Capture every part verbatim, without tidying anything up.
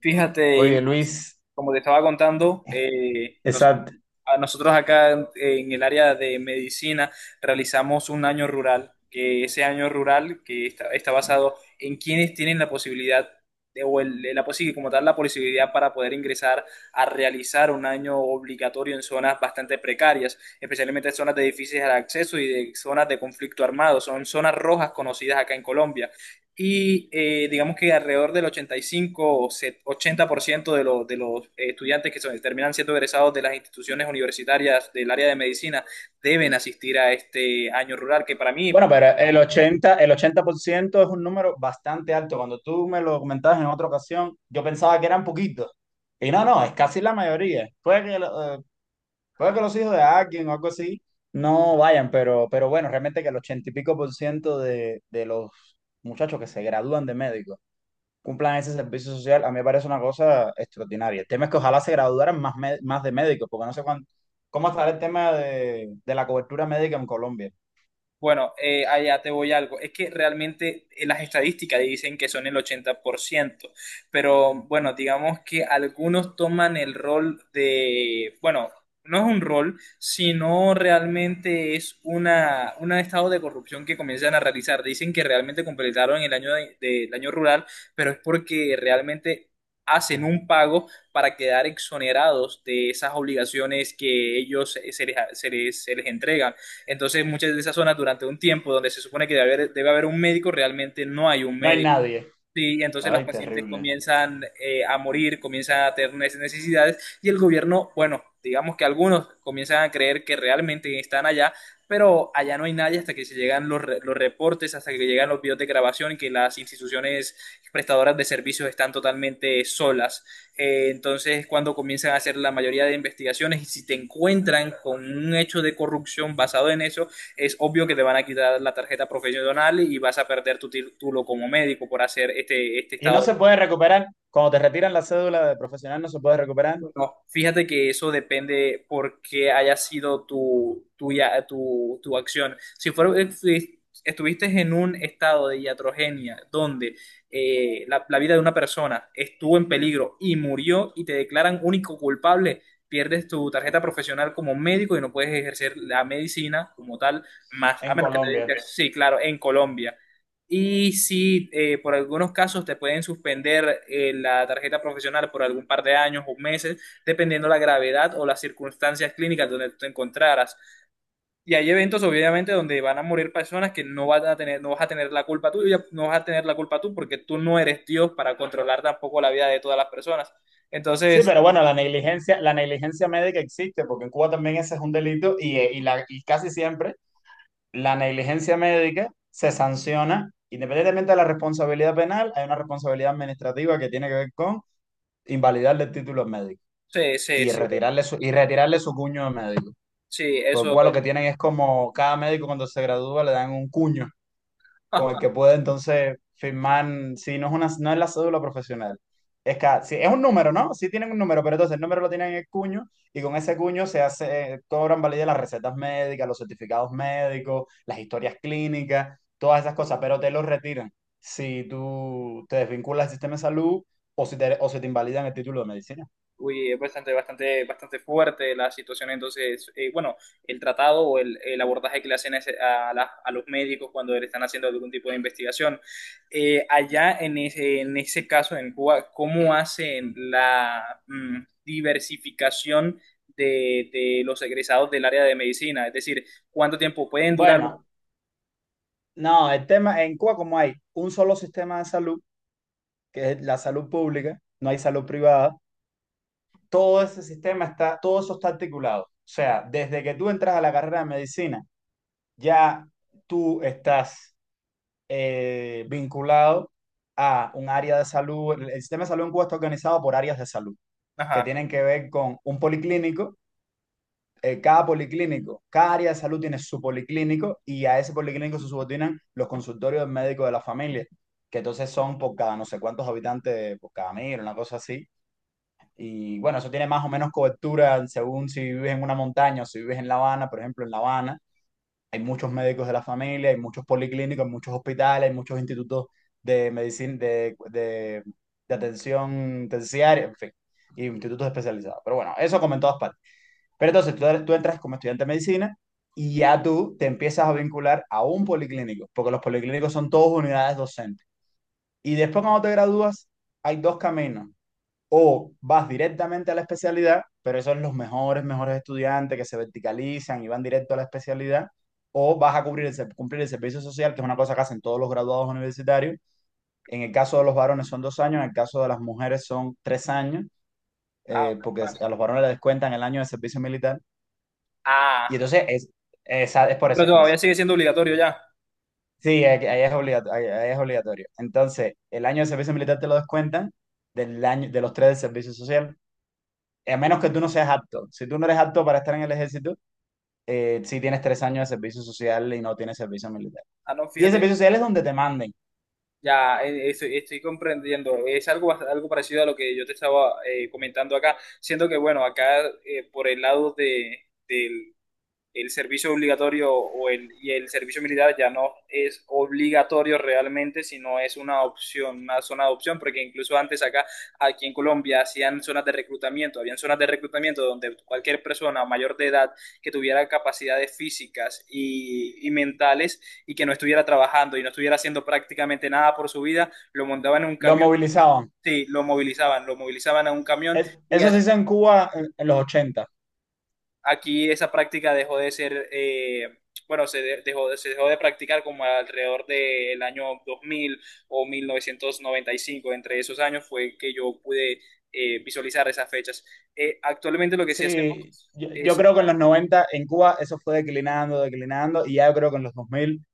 Fíjate, Ima, Oye, Luis, como te estaba contando, eh, nosotros, exacto. a nosotros acá en, en el área de medicina realizamos un año rural, que ese año rural que está, está basado en quienes tienen la posibilidad de- o el- la posi- como tal la posibilidad para poder ingresar a realizar un año obligatorio en zonas bastante precarias, especialmente zonas de difícil acceso y de zonas de conflicto armado, son zonas rojas conocidas acá en Colombia. Y eh, digamos que alrededor del ochenta y cinco o set- ochenta por ciento de, los de los eh, estudiantes que son- terminan siendo egresados de las instituciones universitarias del área de medicina deben asistir a este año rural, que para Bueno, mí. pero el ochenta, el ochenta por ciento es un número bastante alto. Cuando tú me lo comentabas en otra ocasión, yo pensaba que eran poquitos. Y no, no, es casi la mayoría. Puede que, lo- eh, puede que los hijos de alguien o algo así no vayan, pero, pero bueno, realmente que el ochenta y pico por ciento de, de los muchachos que se gradúan de médico cumplan ese servicio social, a mí me parece una cosa extraordinaria. El tema es que ojalá se graduaran más, me- más de médicos, porque no sé cuán- cómo estará el tema de, de, la cobertura médica en Colombia. Bueno, eh, allá te voy algo. Es que realmente eh, las estadísticas dicen que son el ochenta por ciento, pero bueno, digamos que algunos toman el rol de, bueno, no es un rol, sino realmente es una, un estado de corrupción que comienzan a realizar. Dicen que realmente completaron el año de- del año rural, pero es porque realmente hacen un pago para quedar exonerados de esas obligaciones que ellos se se les, se les, se les entregan. Entonces, muchas de esas zonas durante un tiempo donde se supone que debe haber, debe haber un médico, realmente no hay un No hay médico. nadie. Sí, y entonces las Ay, pacientes terrible. comienzan eh, a morir, comienzan a tener neces- necesidades y el gobierno, bueno, digamos que algunos comienzan a creer que realmente están allá, pero allá no hay nadie hasta que se llegan los, re- los reportes, hasta que llegan los videos de grabación y que las instituciones prestadoras de servicios están totalmente solas. Eh, entonces, cuando comienzan a hacer la mayoría de investigaciones y si te encuentran con un hecho de corrupción basado en eso, es obvio que te van a quitar la tarjeta profesional y vas a perder tu título como médico por hacer este, este Y no estado. se puede recuperar. Cuando te retiran la cédula de profesional, no se puede recuperar No, fíjate que eso depende por qué haya sido tu, tu, ya- tu, tu acción. Si fuera, si estuviste en un estado de iatrogenia donde eh, la, la vida de una persona estuvo en peligro y murió y te declaran único culpable, pierdes tu tarjeta profesional como médico y no puedes ejercer la medicina como tal, más a en menos que te Colombia. dediques, sí, claro, en Colombia. Y si eh, por algunos casos te pueden suspender eh, la tarjeta profesional por algún par de años o meses, dependiendo la gravedad o las circunstancias clínicas donde tú te encontraras. Y hay eventos, obviamente, donde van a morir personas que no van a tener, no vas a tener la culpa tú, y no vas a tener la culpa tú, porque tú no eres Dios para controlar tampoco la vida de todas las personas. Sí, Entonces, pero bueno, la negligencia, la negligencia médica existe, porque en Cuba también ese es un delito y, eh, y la, y casi siempre la negligencia médica se sanciona independientemente de la responsabilidad penal, hay una responsabilidad administrativa que tiene que ver con invalidarle el título al médico sí, sí, y sí, retirarle su, y retirarle su cuño de médico. sí, Por lo eso. cual lo que tienen es como cada médico cuando se gradúa le dan un cuño con el que puede entonces firmar, si no es una, no es la cédula profesional. Es que sí, es un número, ¿no? Sí tienen un número, pero entonces el número lo tienen en el cuño y con ese cuño se hace, cobran validez las recetas médicas, los certificados médicos, las historias clínicas, todas esas cosas, pero te lo retiran si tú te desvinculas del sistema de salud o si te, o si te, invalidan el título de medicina. Uy, es bastante, bastante, bastante fuerte la situación. Entonces, eh, bueno, el tratado o el, el abordaje que le hacen a, ese- a la- a los médicos cuando le están haciendo algún tipo de investigación. Eh, allá en ese, en ese caso, en Cuba, ¿cómo hacen la mm, diversificación de, de los egresados del área de medicina? Es decir, ¿cuánto tiempo pueden durar? Bueno, no, el tema en Cuba como hay un solo sistema de salud, que es la salud pública, no hay salud privada, todo ese sistema está, todo eso está articulado. O sea, desde que tú entras a la carrera de medicina, ya tú estás eh, vinculado a un área de salud. El el sistema de salud en Cuba está organizado por áreas de salud, que Ajá. tienen que ver con un policlínico. eh, cada policlínico, cada área de salud tiene su policlínico y a ese policlínico se subordinan los consultorios médicos de la familia, que entonces son por cada no sé cuántos habitantes, por cada mil, una cosa así y bueno, eso tiene más o menos cobertura según si vives en una montaña o si vives en La Habana, por ejemplo, en La Habana. Hay muchos médicos de la familia, hay muchos policlínicos, hay muchos hospitales, hay muchos institutos de medicina, de, de, de atención terciaria, en fin, y institutos especializados. Pero bueno, eso como en todas partes. Pero entonces tú, tú entras como estudiante de medicina y ya tú te empiezas a vincular a un policlínico, porque los policlínicos son todos unidades docentes. Y después cuando te gradúas, hay dos caminos o vas directamente a la especialidad, pero esos son los mejores, mejores estudiantes que se verticalizan y van directo a la especialidad, o vas a cubrir el ser- cumplir el servicio social, que es una cosa que hacen todos los graduados universitarios. En el caso de los varones son dos años, en el caso de las mujeres son tres años, Ah, eh, porque ok. a los varones les descuentan el año de servicio militar. Y Ah. entonces es, esa- es por eso, Pero es por eso. todavía sigue siendo obligatorio ya. Sí, ahí ahí es obligatorio, ahí ahí es obligatorio. Entonces, el año de servicio militar te lo descuentan del año, de los tres del servicio social. A menos que tú no seas apto. Si tú no eres apto para estar en el ejército, eh, sí tienes tres años de servicio social y no tienes servicio militar. Ah, no, Y el fíjate. servicio social es donde te manden. Ya, eh, estoy, estoy comprendiendo. Es algo, bast- algo parecido a lo que yo te estaba eh, comentando acá, siendo que, bueno, acá eh, por el lado de, el servicio obligatorio o el, y el servicio militar ya no es obligatorio realmente, sino es una opción, una zona de opción, porque incluso antes acá, aquí en Colombia, hacían zonas de reclutamiento, habían zonas de reclutamiento donde cualquier persona mayor de edad que tuviera capacidades físicas y, y mentales y que no estuviera trabajando y no estuviera haciendo prácticamente nada por su vida, lo montaban en un Lo camión. movilizaban. Sí, lo movilizaban, lo movilizaban a un camión. Es- y, eso ha- se hizo en Cuba en, en los ochenta. Aquí esa práctica dejó de ser, eh, bueno, se de- dejó, de- se dejó de practicar como alrededor del año dos mil o mil novecientos noventa y cinco. Entre esos años fue que yo pude eh, visualizar esas fechas. Eh, actualmente lo que sí hacemos Sí, yo, yo es, creo que en los noventa en Cuba eso fue declinando, declinando, y ya yo creo que en los dos mil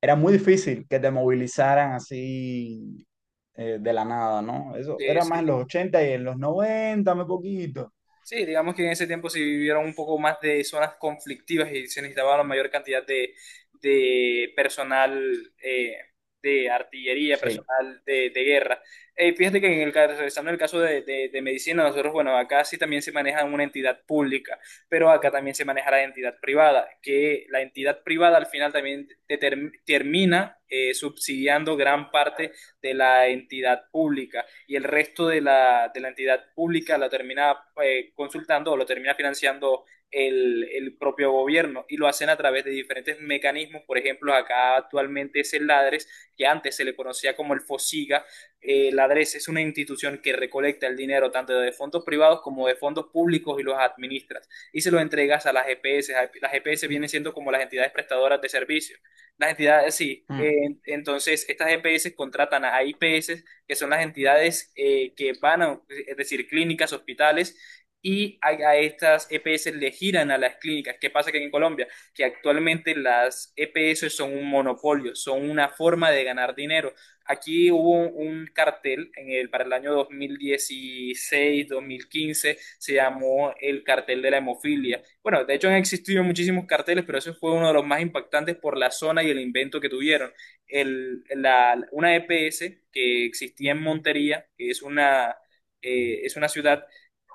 era muy difícil que te movilizaran así eh, de la nada, ¿no? Eso era es más en eh, los ochenta y en los noventa muy poquito. sí, digamos que en ese tiempo se vivieron un poco más de zonas conflictivas y se necesitaba la mayor cantidad de, de personal eh, de artillería, Sí. personal de, de guerra. Eh, fíjate que en el, ca- regresando al caso de, de- de medicina, nosotros, bueno, acá sí también se maneja una entidad pública, pero acá también se maneja la entidad privada, que la entidad privada al final también determ- termina eh, subsidiando gran parte de la entidad pública y el resto de la, de la entidad pública la termina eh, consultando o lo termina financiando el, el, propio gobierno y lo hacen a través de diferentes mecanismos. Por ejemplo, acá actualmente es el LADRES, que antes se le conocía como el FOSIGA. Eh, LADRES es una institución que recolecta el dinero tanto de fondos privados como de fondos públicos y los administras y se lo entregas a las E P S. Las E P S vienen siendo como las entidades prestadoras de servicios las entidades, sí. Mm. Eh, entonces, estas E P S contratan a I P S, que son las entidades eh, que van a, es decir, clínicas, hospitales, y a, a estas E P S le giran a las clínicas. ¿Qué pasa que en Colombia? Que actualmente las E P S son un monopolio, son una forma de ganar dinero. Aquí hubo un, un cartel en el, para el año dos mil dieciséis-dos mil quince, se llamó el cartel de la hemofilia. Bueno, de hecho han existido muchísimos carteles, pero ese fue uno de los más impactantes por la zona y el invento que tuvieron. El, la, una E P S que existía en Montería, que es una, eh, es una ciudad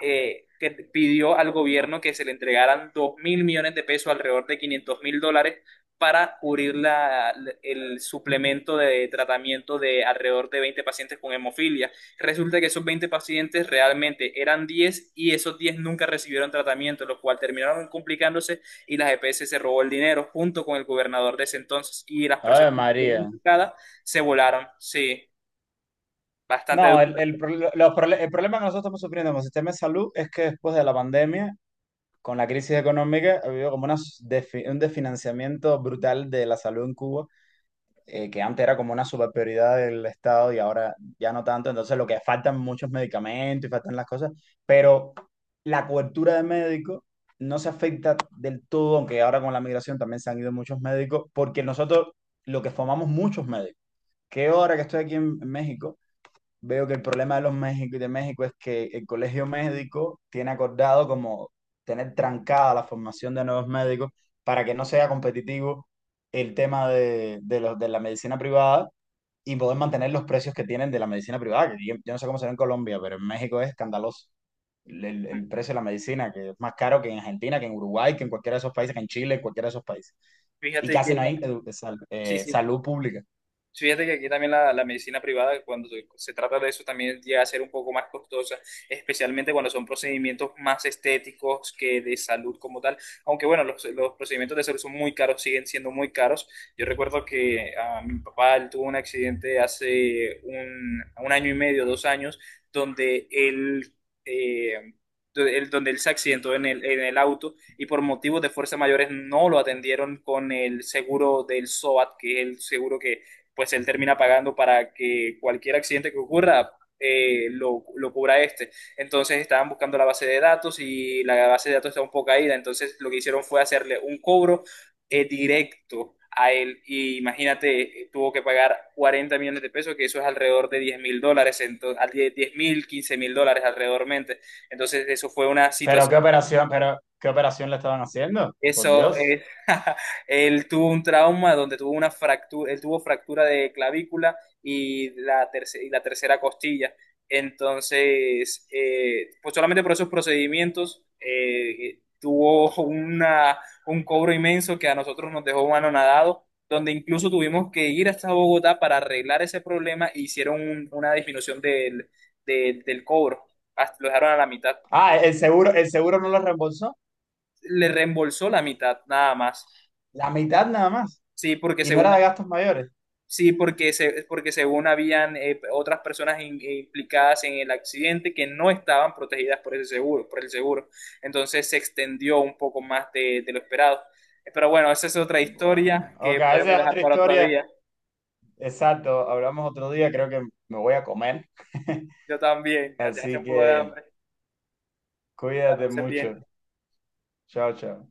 eh, que pidió al gobierno que se le entregaran dos mil millones de pesos, alrededor de quinientos mil dólares, para cubrir la- el suplemento de tratamiento de alrededor de veinte pacientes con hemofilia. Resulta que esos veinte pacientes realmente eran diez y esos diez nunca recibieron tratamiento, lo cual terminaron complicándose y la E P S se robó el dinero junto con el gobernador de ese entonces y las Ay, personas que fueron María. implicadas se volaron. Sí, bastante. No, el, el, pro- los prole- el problema que nosotros estamos sufriendo con el sistema de salud es que después de la pandemia, con la crisis económica, ha habido como una s- defi- un desfinanciamiento brutal de la salud en Cuba, eh, que antes era como una super prioridad del Estado y ahora ya no tanto. Entonces, lo que faltan muchos medicamentos y faltan las cosas, pero la cobertura de médicos no se afecta del todo, aunque ahora con la migración también se han ido muchos médicos, porque nosotros lo que formamos muchos médicos. Que ahora que estoy aquí en en México veo que el problema de los México y de México es que el colegio médico tiene acordado como tener trancada la formación de nuevos médicos para que no sea competitivo el tema de, de los, de la medicina privada y poder mantener los precios que tienen de la medicina privada, que yo, yo no sé cómo será en Colombia, pero en México es escandaloso el, el- el precio de la medicina, que es más caro que en Argentina, que en Uruguay, que en cualquiera de esos países, que en Chile, en cualquiera de esos países. Y Fíjate que casi no hay edu- sal- sí, eh, sí. salud pública. Sí, fíjate que aquí también la, la medicina privada, cuando se se trata de eso, también llega a ser un poco más costosa, especialmente cuando son procedimientos más estéticos que de salud como tal. Aunque bueno, los, los procedimientos de salud son muy caros, siguen siendo muy caros. Yo recuerdo que ah, mi papá él tuvo un accidente hace un, un año y medio, dos años, donde él... eh, donde él donde él se accidentó en el, en el auto y por motivos de fuerza mayores no lo atendieron con el seguro del SOAT, que es el seguro que, pues él termina pagando para que cualquier accidente que ocurra eh, lo, lo cubra este. Entonces estaban buscando la base de datos y la base de datos está un poco caída, entonces lo que hicieron fue hacerle un cobro eh, directo a él y imagínate, eh, tuvo que pagar cuarenta millones de pesos, que eso es alrededor de diez mil dólares, ento- al- diez mil, quince mil dólares alrededormente. Entonces eso fue una Pero qué situación, operación, pero qué operación le estaban haciendo, por eso Dios. es. Él tuvo un trauma donde tuvo una fractura, él tuvo fractura de clavícula y la, terce- y la tercera costilla. Entonces, eh, pues solamente por esos procedimientos eh, tuvo una, un cobro inmenso que a nosotros nos dejó anonadados, donde incluso tuvimos que ir hasta Bogotá para arreglar ese problema e hicieron un- una disminución del, del, del cobro, hasta, lo dejaron a la mitad, Ah, el seguro, el seguro, no lo reembolsó, le reembolsó la mitad nada más. la mitad nada más, Sí, porque y no según era de gastos mayores. Sí, porque, se, porque según habían eh, otras personas in- implicadas en el accidente que no estaban protegidas por ese seguro, por el seguro. Entonces se extendió un poco más de, de lo esperado. Eh, Pero bueno, esa es otra Bueno, historia ok, que podremos esa es dejar otra para otro historia. día. Exacto, hablamos otro día, creo que me voy a comer. Yo también, ya te hace un Así poco de que hambre. Que la cuídate pases mucho. bien. Chao, chao.